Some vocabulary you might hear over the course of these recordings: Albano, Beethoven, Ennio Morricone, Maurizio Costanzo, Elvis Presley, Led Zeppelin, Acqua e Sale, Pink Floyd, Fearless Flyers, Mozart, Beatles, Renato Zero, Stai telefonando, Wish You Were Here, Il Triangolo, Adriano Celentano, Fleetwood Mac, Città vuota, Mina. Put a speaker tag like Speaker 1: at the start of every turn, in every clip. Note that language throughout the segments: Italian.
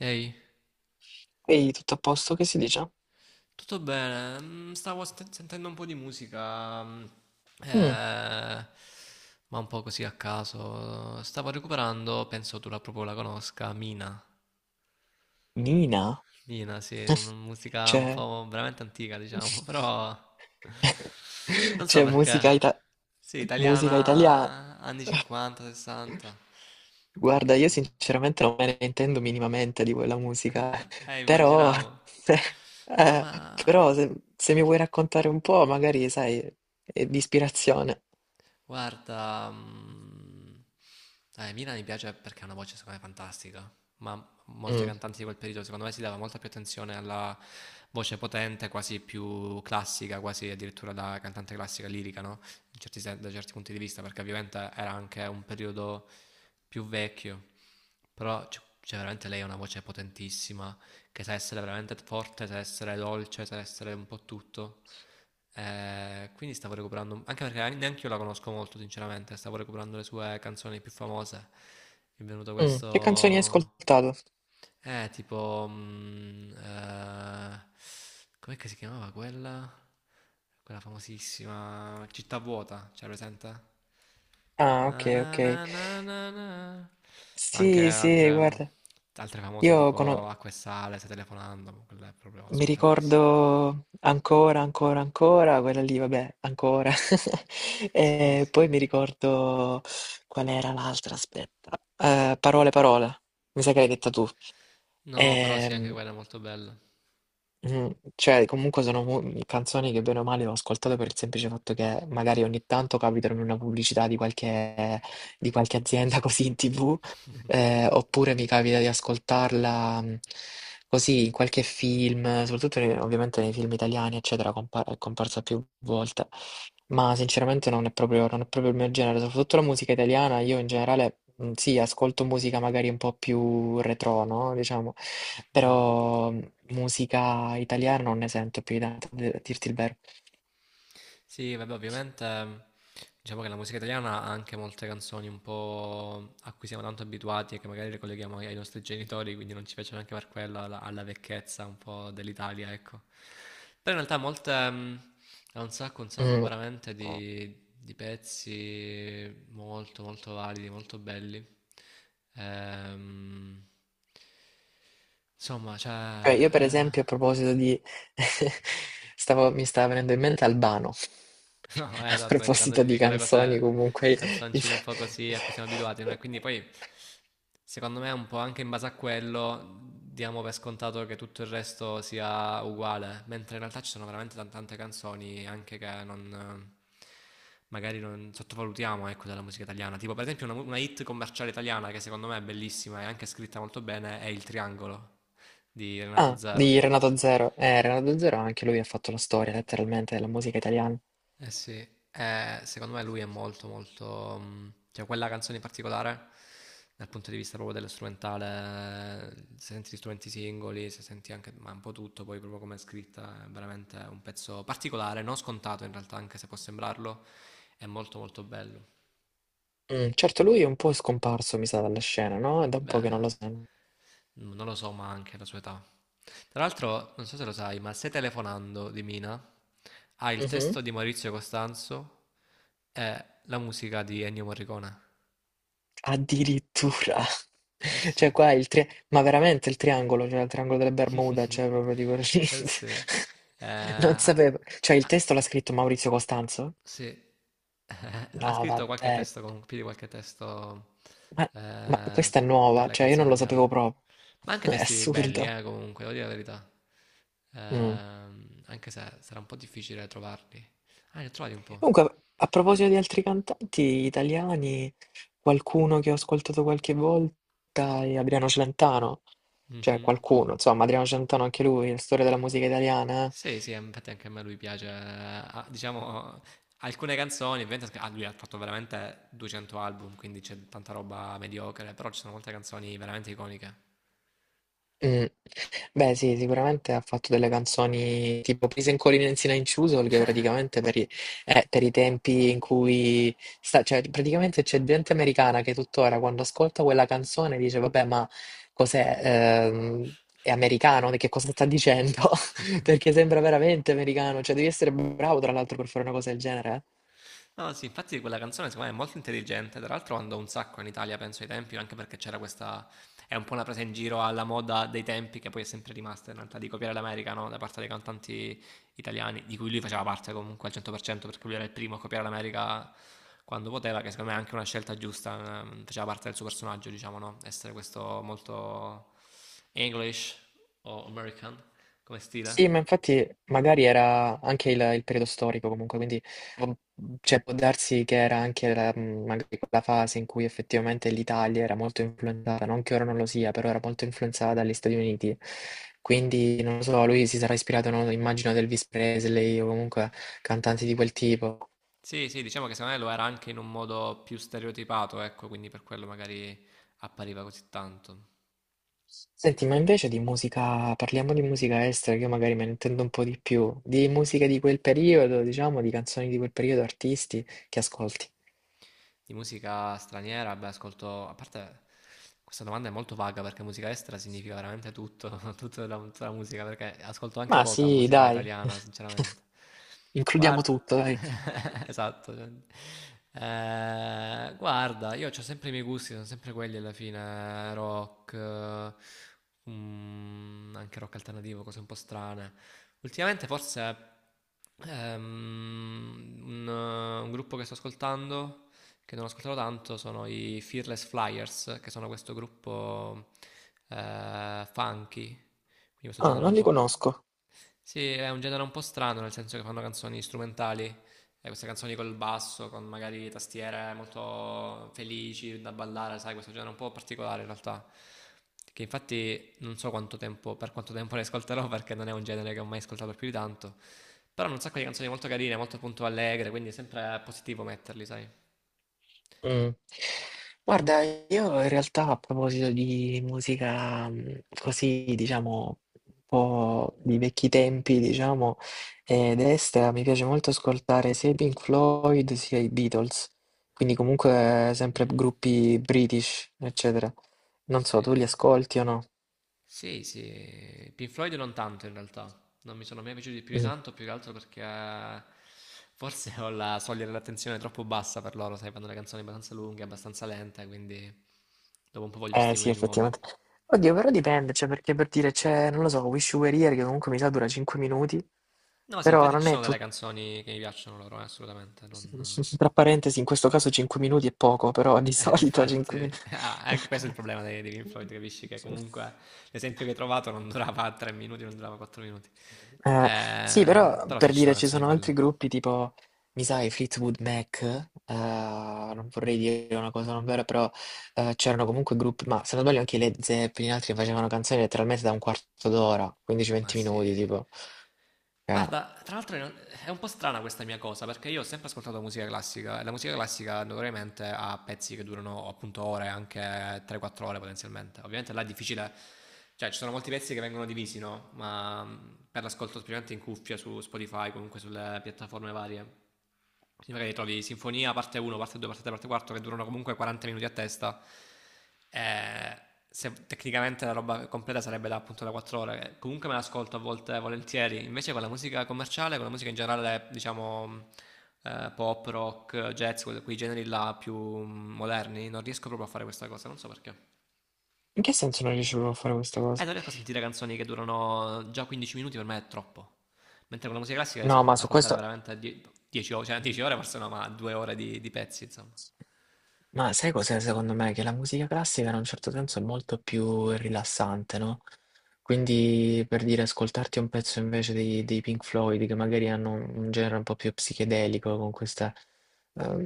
Speaker 1: Ehi,
Speaker 2: Ehi, tutto a posto? Che si dice?
Speaker 1: tutto bene? Stavo sentendo un po' di musica,
Speaker 2: Mm,
Speaker 1: eh, ma un po' così a caso. Stavo recuperando, penso tu la proprio la conosca, Mina.
Speaker 2: Nina,
Speaker 1: Mina, sì, è una musica un
Speaker 2: c'è
Speaker 1: po' veramente antica, diciamo, però non so
Speaker 2: c'è musica,
Speaker 1: perché. Sì,
Speaker 2: musica italiana.
Speaker 1: italiana anni 50, 60, anche
Speaker 2: Guarda,
Speaker 1: un
Speaker 2: io
Speaker 1: po'.
Speaker 2: sinceramente non me ne intendo minimamente di quella musica, però,
Speaker 1: Immaginavo.
Speaker 2: se,
Speaker 1: No,
Speaker 2: eh,
Speaker 1: ma
Speaker 2: se, se mi vuoi raccontare un po', magari, sai, è di ispirazione.
Speaker 1: guarda, Mina mi piace perché ha una voce secondo me fantastica, ma molte
Speaker 2: Mm.
Speaker 1: cantanti di quel periodo secondo me si dava molta più attenzione alla voce potente, quasi più classica, quasi addirittura da cantante classica lirica, no? In certi da certi punti di vista, perché ovviamente era anche un periodo più vecchio, però cioè, veramente lei ha una voce potentissima, che sa essere veramente forte, sa essere dolce, sa essere un po' tutto. Quindi stavo recuperando, anche perché neanche io la conosco molto, sinceramente, stavo recuperando le sue canzoni più famose. Mi è venuto
Speaker 2: Mm, che canzoni hai
Speaker 1: questo.
Speaker 2: ascoltato?
Speaker 1: Tipo, com'è che si chiamava quella? Quella famosissima Città vuota, c'è presente?
Speaker 2: Ah,
Speaker 1: Na
Speaker 2: ok,
Speaker 1: na
Speaker 2: ok.
Speaker 1: na na na na. Ma anche
Speaker 2: Sì, sì,
Speaker 1: altre, mm,
Speaker 2: guarda,
Speaker 1: altre famose
Speaker 2: io
Speaker 1: tipo
Speaker 2: conosco.
Speaker 1: Acqua e Sale, Stai telefonando, ma quella è proprio
Speaker 2: Mi
Speaker 1: scontatissima.
Speaker 2: ricordo ancora, quella lì, vabbè, ancora.
Speaker 1: Sì,
Speaker 2: E
Speaker 1: sì.
Speaker 2: poi mi ricordo qual era l'altra, aspetta. Parole, parole, mi sa che l'hai detta tu.
Speaker 1: No, però sì, anche
Speaker 2: Ehm,
Speaker 1: quella è molto bella.
Speaker 2: Mm, Cioè, comunque sono canzoni che bene o male ho ascoltato per il semplice fatto che magari ogni tanto capitano in una pubblicità di qualche azienda così in TV, oppure mi capita di ascoltarla così in qualche film, soprattutto ovviamente nei film italiani, eccetera, è comparsa più volte. Ma sinceramente non è proprio il mio genere, soprattutto la musica italiana, io in generale sì, ascolto musica magari un po' più retro, no? Diciamo.
Speaker 1: Mm.
Speaker 2: Però musica italiana non ne sento più di tanto, a dirti il vero.
Speaker 1: Sì, vabbè, ovviamente diciamo che la musica italiana ha anche molte canzoni un po' a cui siamo tanto abituati e che magari le colleghiamo ai nostri genitori, quindi non ci piace neanche per quella alla vecchezza un po' dell'Italia, ecco. Però in realtà molte, ha un sacco
Speaker 2: Mm.
Speaker 1: veramente di, pezzi molto, molto validi, molto belli. Ehm, insomma, cioè...
Speaker 2: Cioè, io per
Speaker 1: eh,
Speaker 2: esempio a proposito di... mi stava venendo in mente Albano,
Speaker 1: No,
Speaker 2: a
Speaker 1: esatto, vedi, quando
Speaker 2: proposito
Speaker 1: ti
Speaker 2: di
Speaker 1: dico le
Speaker 2: canzoni
Speaker 1: cose,
Speaker 2: comunque...
Speaker 1: canzoncine un po' così a cui siamo abituati, no? E quindi poi, secondo me, un po' anche in base a quello, diamo per scontato che tutto il resto sia uguale, mentre in realtà ci sono veramente tante canzoni anche che non. Magari non sottovalutiamo, ecco, della musica italiana. Tipo, per esempio, una hit commerciale italiana che secondo me è bellissima e anche scritta molto bene è Il Triangolo di Renato
Speaker 2: Ah, di
Speaker 1: Zero.
Speaker 2: Renato Zero. Renato Zero anche lui ha fatto la storia letteralmente della musica italiana.
Speaker 1: Eh sì, secondo me lui è molto molto, cioè quella canzone in particolare, dal punto di vista proprio dello strumentale, se senti gli strumenti singoli, se senti anche, ma un po' tutto, poi proprio come è scritta, è veramente un pezzo particolare, non scontato in realtà, anche se può sembrarlo, è molto molto bello.
Speaker 2: Mm, certo, lui è un po' scomparso, mi sa, dalla scena, no? È da un po' che non lo
Speaker 1: Beh, non lo so, ma anche la sua età. Tra l'altro, non so se lo sai, ma Se telefonando di Mina ha il
Speaker 2: sento.
Speaker 1: testo di Maurizio Costanzo e la musica di Ennio Morricone.
Speaker 2: Addirittura.
Speaker 1: Eh sì.
Speaker 2: Cioè qua il ma veramente il triangolo, cioè il triangolo delle Bermuda, cioè proprio dico
Speaker 1: Eh sì.
Speaker 2: non
Speaker 1: Ah,
Speaker 2: sapevo. Cioè il
Speaker 1: ah,
Speaker 2: testo l'ha scritto Maurizio Costanzo?
Speaker 1: sì. Ha
Speaker 2: No,
Speaker 1: scritto qualche
Speaker 2: vabbè.
Speaker 1: testo, più di qualche testo
Speaker 2: Ma, ma
Speaker 1: eh,
Speaker 2: questa è
Speaker 1: per
Speaker 2: nuova,
Speaker 1: le
Speaker 2: cioè io
Speaker 1: canzoni
Speaker 2: non lo sapevo
Speaker 1: italiane.
Speaker 2: proprio.
Speaker 1: Ma anche
Speaker 2: È
Speaker 1: testi belli,
Speaker 2: assurdo.
Speaker 1: comunque, devo dire la verità.
Speaker 2: Mm.
Speaker 1: Anche se sarà un po' difficile trovarli. Ah, ne ho trovati un po'.
Speaker 2: Comunque, a proposito di altri cantanti italiani, qualcuno che ho ascoltato qualche volta è Adriano Celentano. Cioè
Speaker 1: Mhm.
Speaker 2: qualcuno, insomma, Adriano Celentano anche lui, la storia della musica italiana, eh.
Speaker 1: Sì, sì, infatti anche a me lui piace. Ah, diciamo, alcune canzoni, ovviamente, lui ha fatto veramente 200 album, quindi c'è tanta roba mediocre, però ci sono molte canzoni veramente iconiche.
Speaker 2: Mh. Beh sì, sicuramente ha fatto delle canzoni tipo Please and Calling Nancy Nine Choozle che praticamente per i tempi in cui sta, cioè praticamente c'è gente americana che tuttora quando ascolta quella canzone dice vabbè ma cos'è, ehm, è americano, che cosa sta dicendo? Perché sembra veramente americano, cioè devi essere bravo tra l'altro per fare una cosa del genere, eh.
Speaker 1: No, sì, infatti quella canzone secondo me è molto intelligente, tra l'altro andò un sacco in Italia, penso ai tempi, anche perché c'era questa, è un po' una presa in giro alla moda dei tempi che poi è sempre rimasta in realtà di copiare l'America, no? Da parte dei cantanti italiani, di cui lui faceva parte comunque al 100% perché lui era il primo a copiare l'America quando poteva, che secondo me è anche una scelta giusta, faceva parte del suo personaggio, diciamo, no? Essere questo molto English o American come
Speaker 2: Sì,
Speaker 1: stile.
Speaker 2: ma infatti magari era anche il periodo storico comunque, quindi può- cioè, può darsi che era anche la, magari quella fase in cui effettivamente l'Italia era molto influenzata, non che ora non lo sia, però era molto influenzata dagli Stati Uniti. Quindi, non lo so, lui si sarà ispirato, non lo so, immagino ad Elvis Presley o comunque cantanti di quel tipo.
Speaker 1: Sì, sì, diciamo che secondo me lo era anche in un modo più stereotipato, ecco, quindi per quello magari appariva così tanto.
Speaker 2: Senti, ma invece di musica, parliamo di musica estera, che io magari me ne intendo un po' di più, di musica di quel periodo, diciamo, di canzoni di quel periodo, artisti che ascolti.
Speaker 1: Di musica straniera, beh, ascolto, a parte questa domanda è molto vaga perché musica estera significa veramente tutto, tutta la, musica, perché ascolto anche
Speaker 2: Ma
Speaker 1: poca
Speaker 2: sì,
Speaker 1: musica
Speaker 2: dai,
Speaker 1: italiana, sinceramente.
Speaker 2: includiamo
Speaker 1: Guarda,
Speaker 2: tutto, dai.
Speaker 1: esatto. Cioè, guarda, io ho sempre i miei gusti, sono sempre quelli alla fine, rock, anche rock alternativo, cose un po' strane. Ultimamente forse un gruppo che sto ascoltando che non ascolterò tanto sono i Fearless Flyers, che sono questo gruppo funky, quindi questo
Speaker 2: Ah,
Speaker 1: genere
Speaker 2: non
Speaker 1: un
Speaker 2: li
Speaker 1: po'.
Speaker 2: conosco.
Speaker 1: Sì, è un genere un po' strano, nel senso che fanno canzoni strumentali, queste canzoni col basso, con magari tastiere molto felici da ballare, sai, questo genere un po' particolare in realtà, che infatti non so quanto tempo, per quanto tempo le ascolterò, perché non è un genere che ho mai ascoltato più di tanto, però hanno un sacco di canzoni molto carine, molto appunto allegre, quindi è sempre positivo metterli, sai.
Speaker 2: Mm. Guarda, io in realtà a proposito di musica così, diciamo, un po' di vecchi tempi, diciamo, destra, mi piace molto ascoltare sia i Pink Floyd sia i Beatles, quindi comunque sempre
Speaker 1: Mm.
Speaker 2: gruppi British, eccetera. Non
Speaker 1: Sì,
Speaker 2: so, tu li
Speaker 1: sì.
Speaker 2: ascolti o no?
Speaker 1: Sì, sì. Pink Floyd non tanto in realtà. Non mi sono mai piaciuti più di tanto, più che altro perché forse ho la soglia dell'attenzione troppo bassa per loro, sai, fanno le canzoni abbastanza lunghe, abbastanza lente, quindi dopo un po' voglio
Speaker 2: Eh sì,
Speaker 1: stimoli nuovi.
Speaker 2: effettivamente. Oddio, però dipende, cioè perché per dire c'è, non lo so, Wish You Were Here che comunque mi sa dura 5 minuti,
Speaker 1: No, sì,
Speaker 2: però
Speaker 1: infatti ci
Speaker 2: non è
Speaker 1: sono delle
Speaker 2: tutto...
Speaker 1: canzoni che mi piacciono loro, assolutamente. Non.
Speaker 2: Tra parentesi, in questo caso 5 minuti è poco, però di solito
Speaker 1: Infatti,
Speaker 2: 5 minuti...
Speaker 1: ah, anche questo è il problema dei Pink Floyd, capisci? Che comunque l'esempio che hai trovato non durava tre minuti, non durava quattro minuti.
Speaker 2: Eh, sì, però
Speaker 1: Però sì,
Speaker 2: per
Speaker 1: ci sono
Speaker 2: dire ci
Speaker 1: canzoni
Speaker 2: sono
Speaker 1: belle.
Speaker 2: altri gruppi tipo, mi sai, Fleetwood Mac, non vorrei dire una cosa non vera, però c'erano comunque gruppi, ma se non sbaglio anche i Led Zeppelin, altri che facevano canzoni letteralmente da un quarto d'ora,
Speaker 1: Ma
Speaker 2: 15-20
Speaker 1: se.
Speaker 2: minuti, tipo. Eh,
Speaker 1: Guarda, tra l'altro è un po' strana questa mia cosa perché io ho sempre ascoltato musica classica e la musica classica notoriamente ha pezzi che durano appunto ore, anche 3-4 ore potenzialmente. Ovviamente là è difficile, cioè ci sono molti pezzi che vengono divisi, no? Ma per l'ascolto specialmente in cuffia su Spotify, comunque sulle piattaforme varie. Sembra che trovi Sinfonia, parte 1, parte 2, parte 3, parte 4, che durano comunque 40 minuti a testa. Eh, Tecnicamente la roba completa sarebbe da, appunto da 4 ore. Che comunque me l'ascolto a volte volentieri. Invece con la musica commerciale, con la musica in generale, diciamo pop, rock, jazz, quei generi là più moderni, non riesco proprio a fare questa cosa, non so perché.
Speaker 2: in che senso non riuscivano a fare questa cosa?
Speaker 1: Non riesco a sentire canzoni che durano già 15 minuti, per me è troppo. Mentre con la musica classica riesco
Speaker 2: No, ma
Speaker 1: a
Speaker 2: su
Speaker 1: ascoltare
Speaker 2: questo.
Speaker 1: veramente 10 ore, cioè 10 ore forse no, ma 2 ore di, pezzi, insomma.
Speaker 2: Ma sai cos'è secondo me? Che la musica classica in un certo senso è molto più rilassante, no? Quindi per dire ascoltarti un pezzo invece dei Pink Floyd, che magari hanno un genere un po' più psichedelico, con questi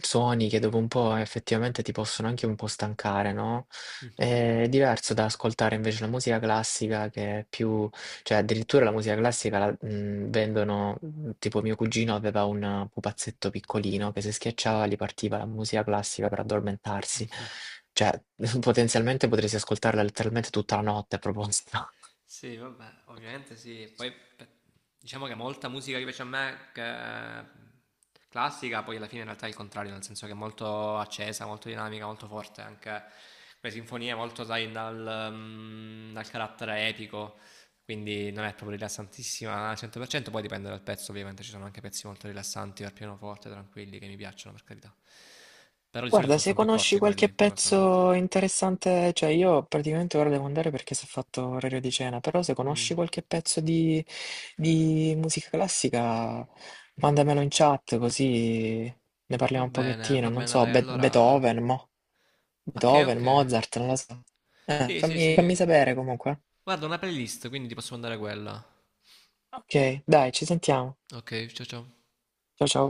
Speaker 2: suoni che dopo un po' effettivamente ti possono anche un po' stancare, no?
Speaker 1: Mhm.
Speaker 2: È diverso da ascoltare invece la musica classica che è più cioè, addirittura la musica classica la, vendono, tipo mio cugino aveva un pupazzetto piccolino che se schiacciava gli partiva la musica classica per addormentarsi. Cioè, potenzialmente potresti ascoltarla letteralmente tutta la notte a proposito.
Speaker 1: Sì, vabbè, ovviamente sì. Poi beh, diciamo che molta musica che piace a me, classica, poi alla fine in realtà è il contrario, nel senso che è molto accesa, molto dinamica, molto forte, anche le sinfonie molto, sai, dal carattere epico, quindi non è proprio rilassantissima al 100%, poi dipende dal pezzo, ovviamente ci sono anche pezzi molto rilassanti per pianoforte, tranquilli, che mi piacciono, per carità. Però di solito
Speaker 2: Guarda,
Speaker 1: sono,
Speaker 2: se
Speaker 1: sono più
Speaker 2: conosci
Speaker 1: corti
Speaker 2: qualche
Speaker 1: quelli, paradossalmente.
Speaker 2: pezzo interessante, cioè io praticamente ora devo andare perché si è fatto orario di cena, però se conosci
Speaker 1: Mm.
Speaker 2: qualche pezzo di musica classica, mandamelo in chat così ne parliamo un pochettino,
Speaker 1: Va
Speaker 2: non
Speaker 1: bene,
Speaker 2: so,
Speaker 1: dai, allora
Speaker 2: Beethoven, mo.
Speaker 1: okay,
Speaker 2: Beethoven,
Speaker 1: okay.
Speaker 2: Mozart, non lo so.
Speaker 1: Sì, sì, sì,
Speaker 2: Fammi
Speaker 1: sì.
Speaker 2: sapere comunque.
Speaker 1: Guarda, una playlist, quindi ti posso mandare quella.
Speaker 2: Ok, dai, ci sentiamo.
Speaker 1: Okay, ciao, ciao.
Speaker 2: Ciao ciao.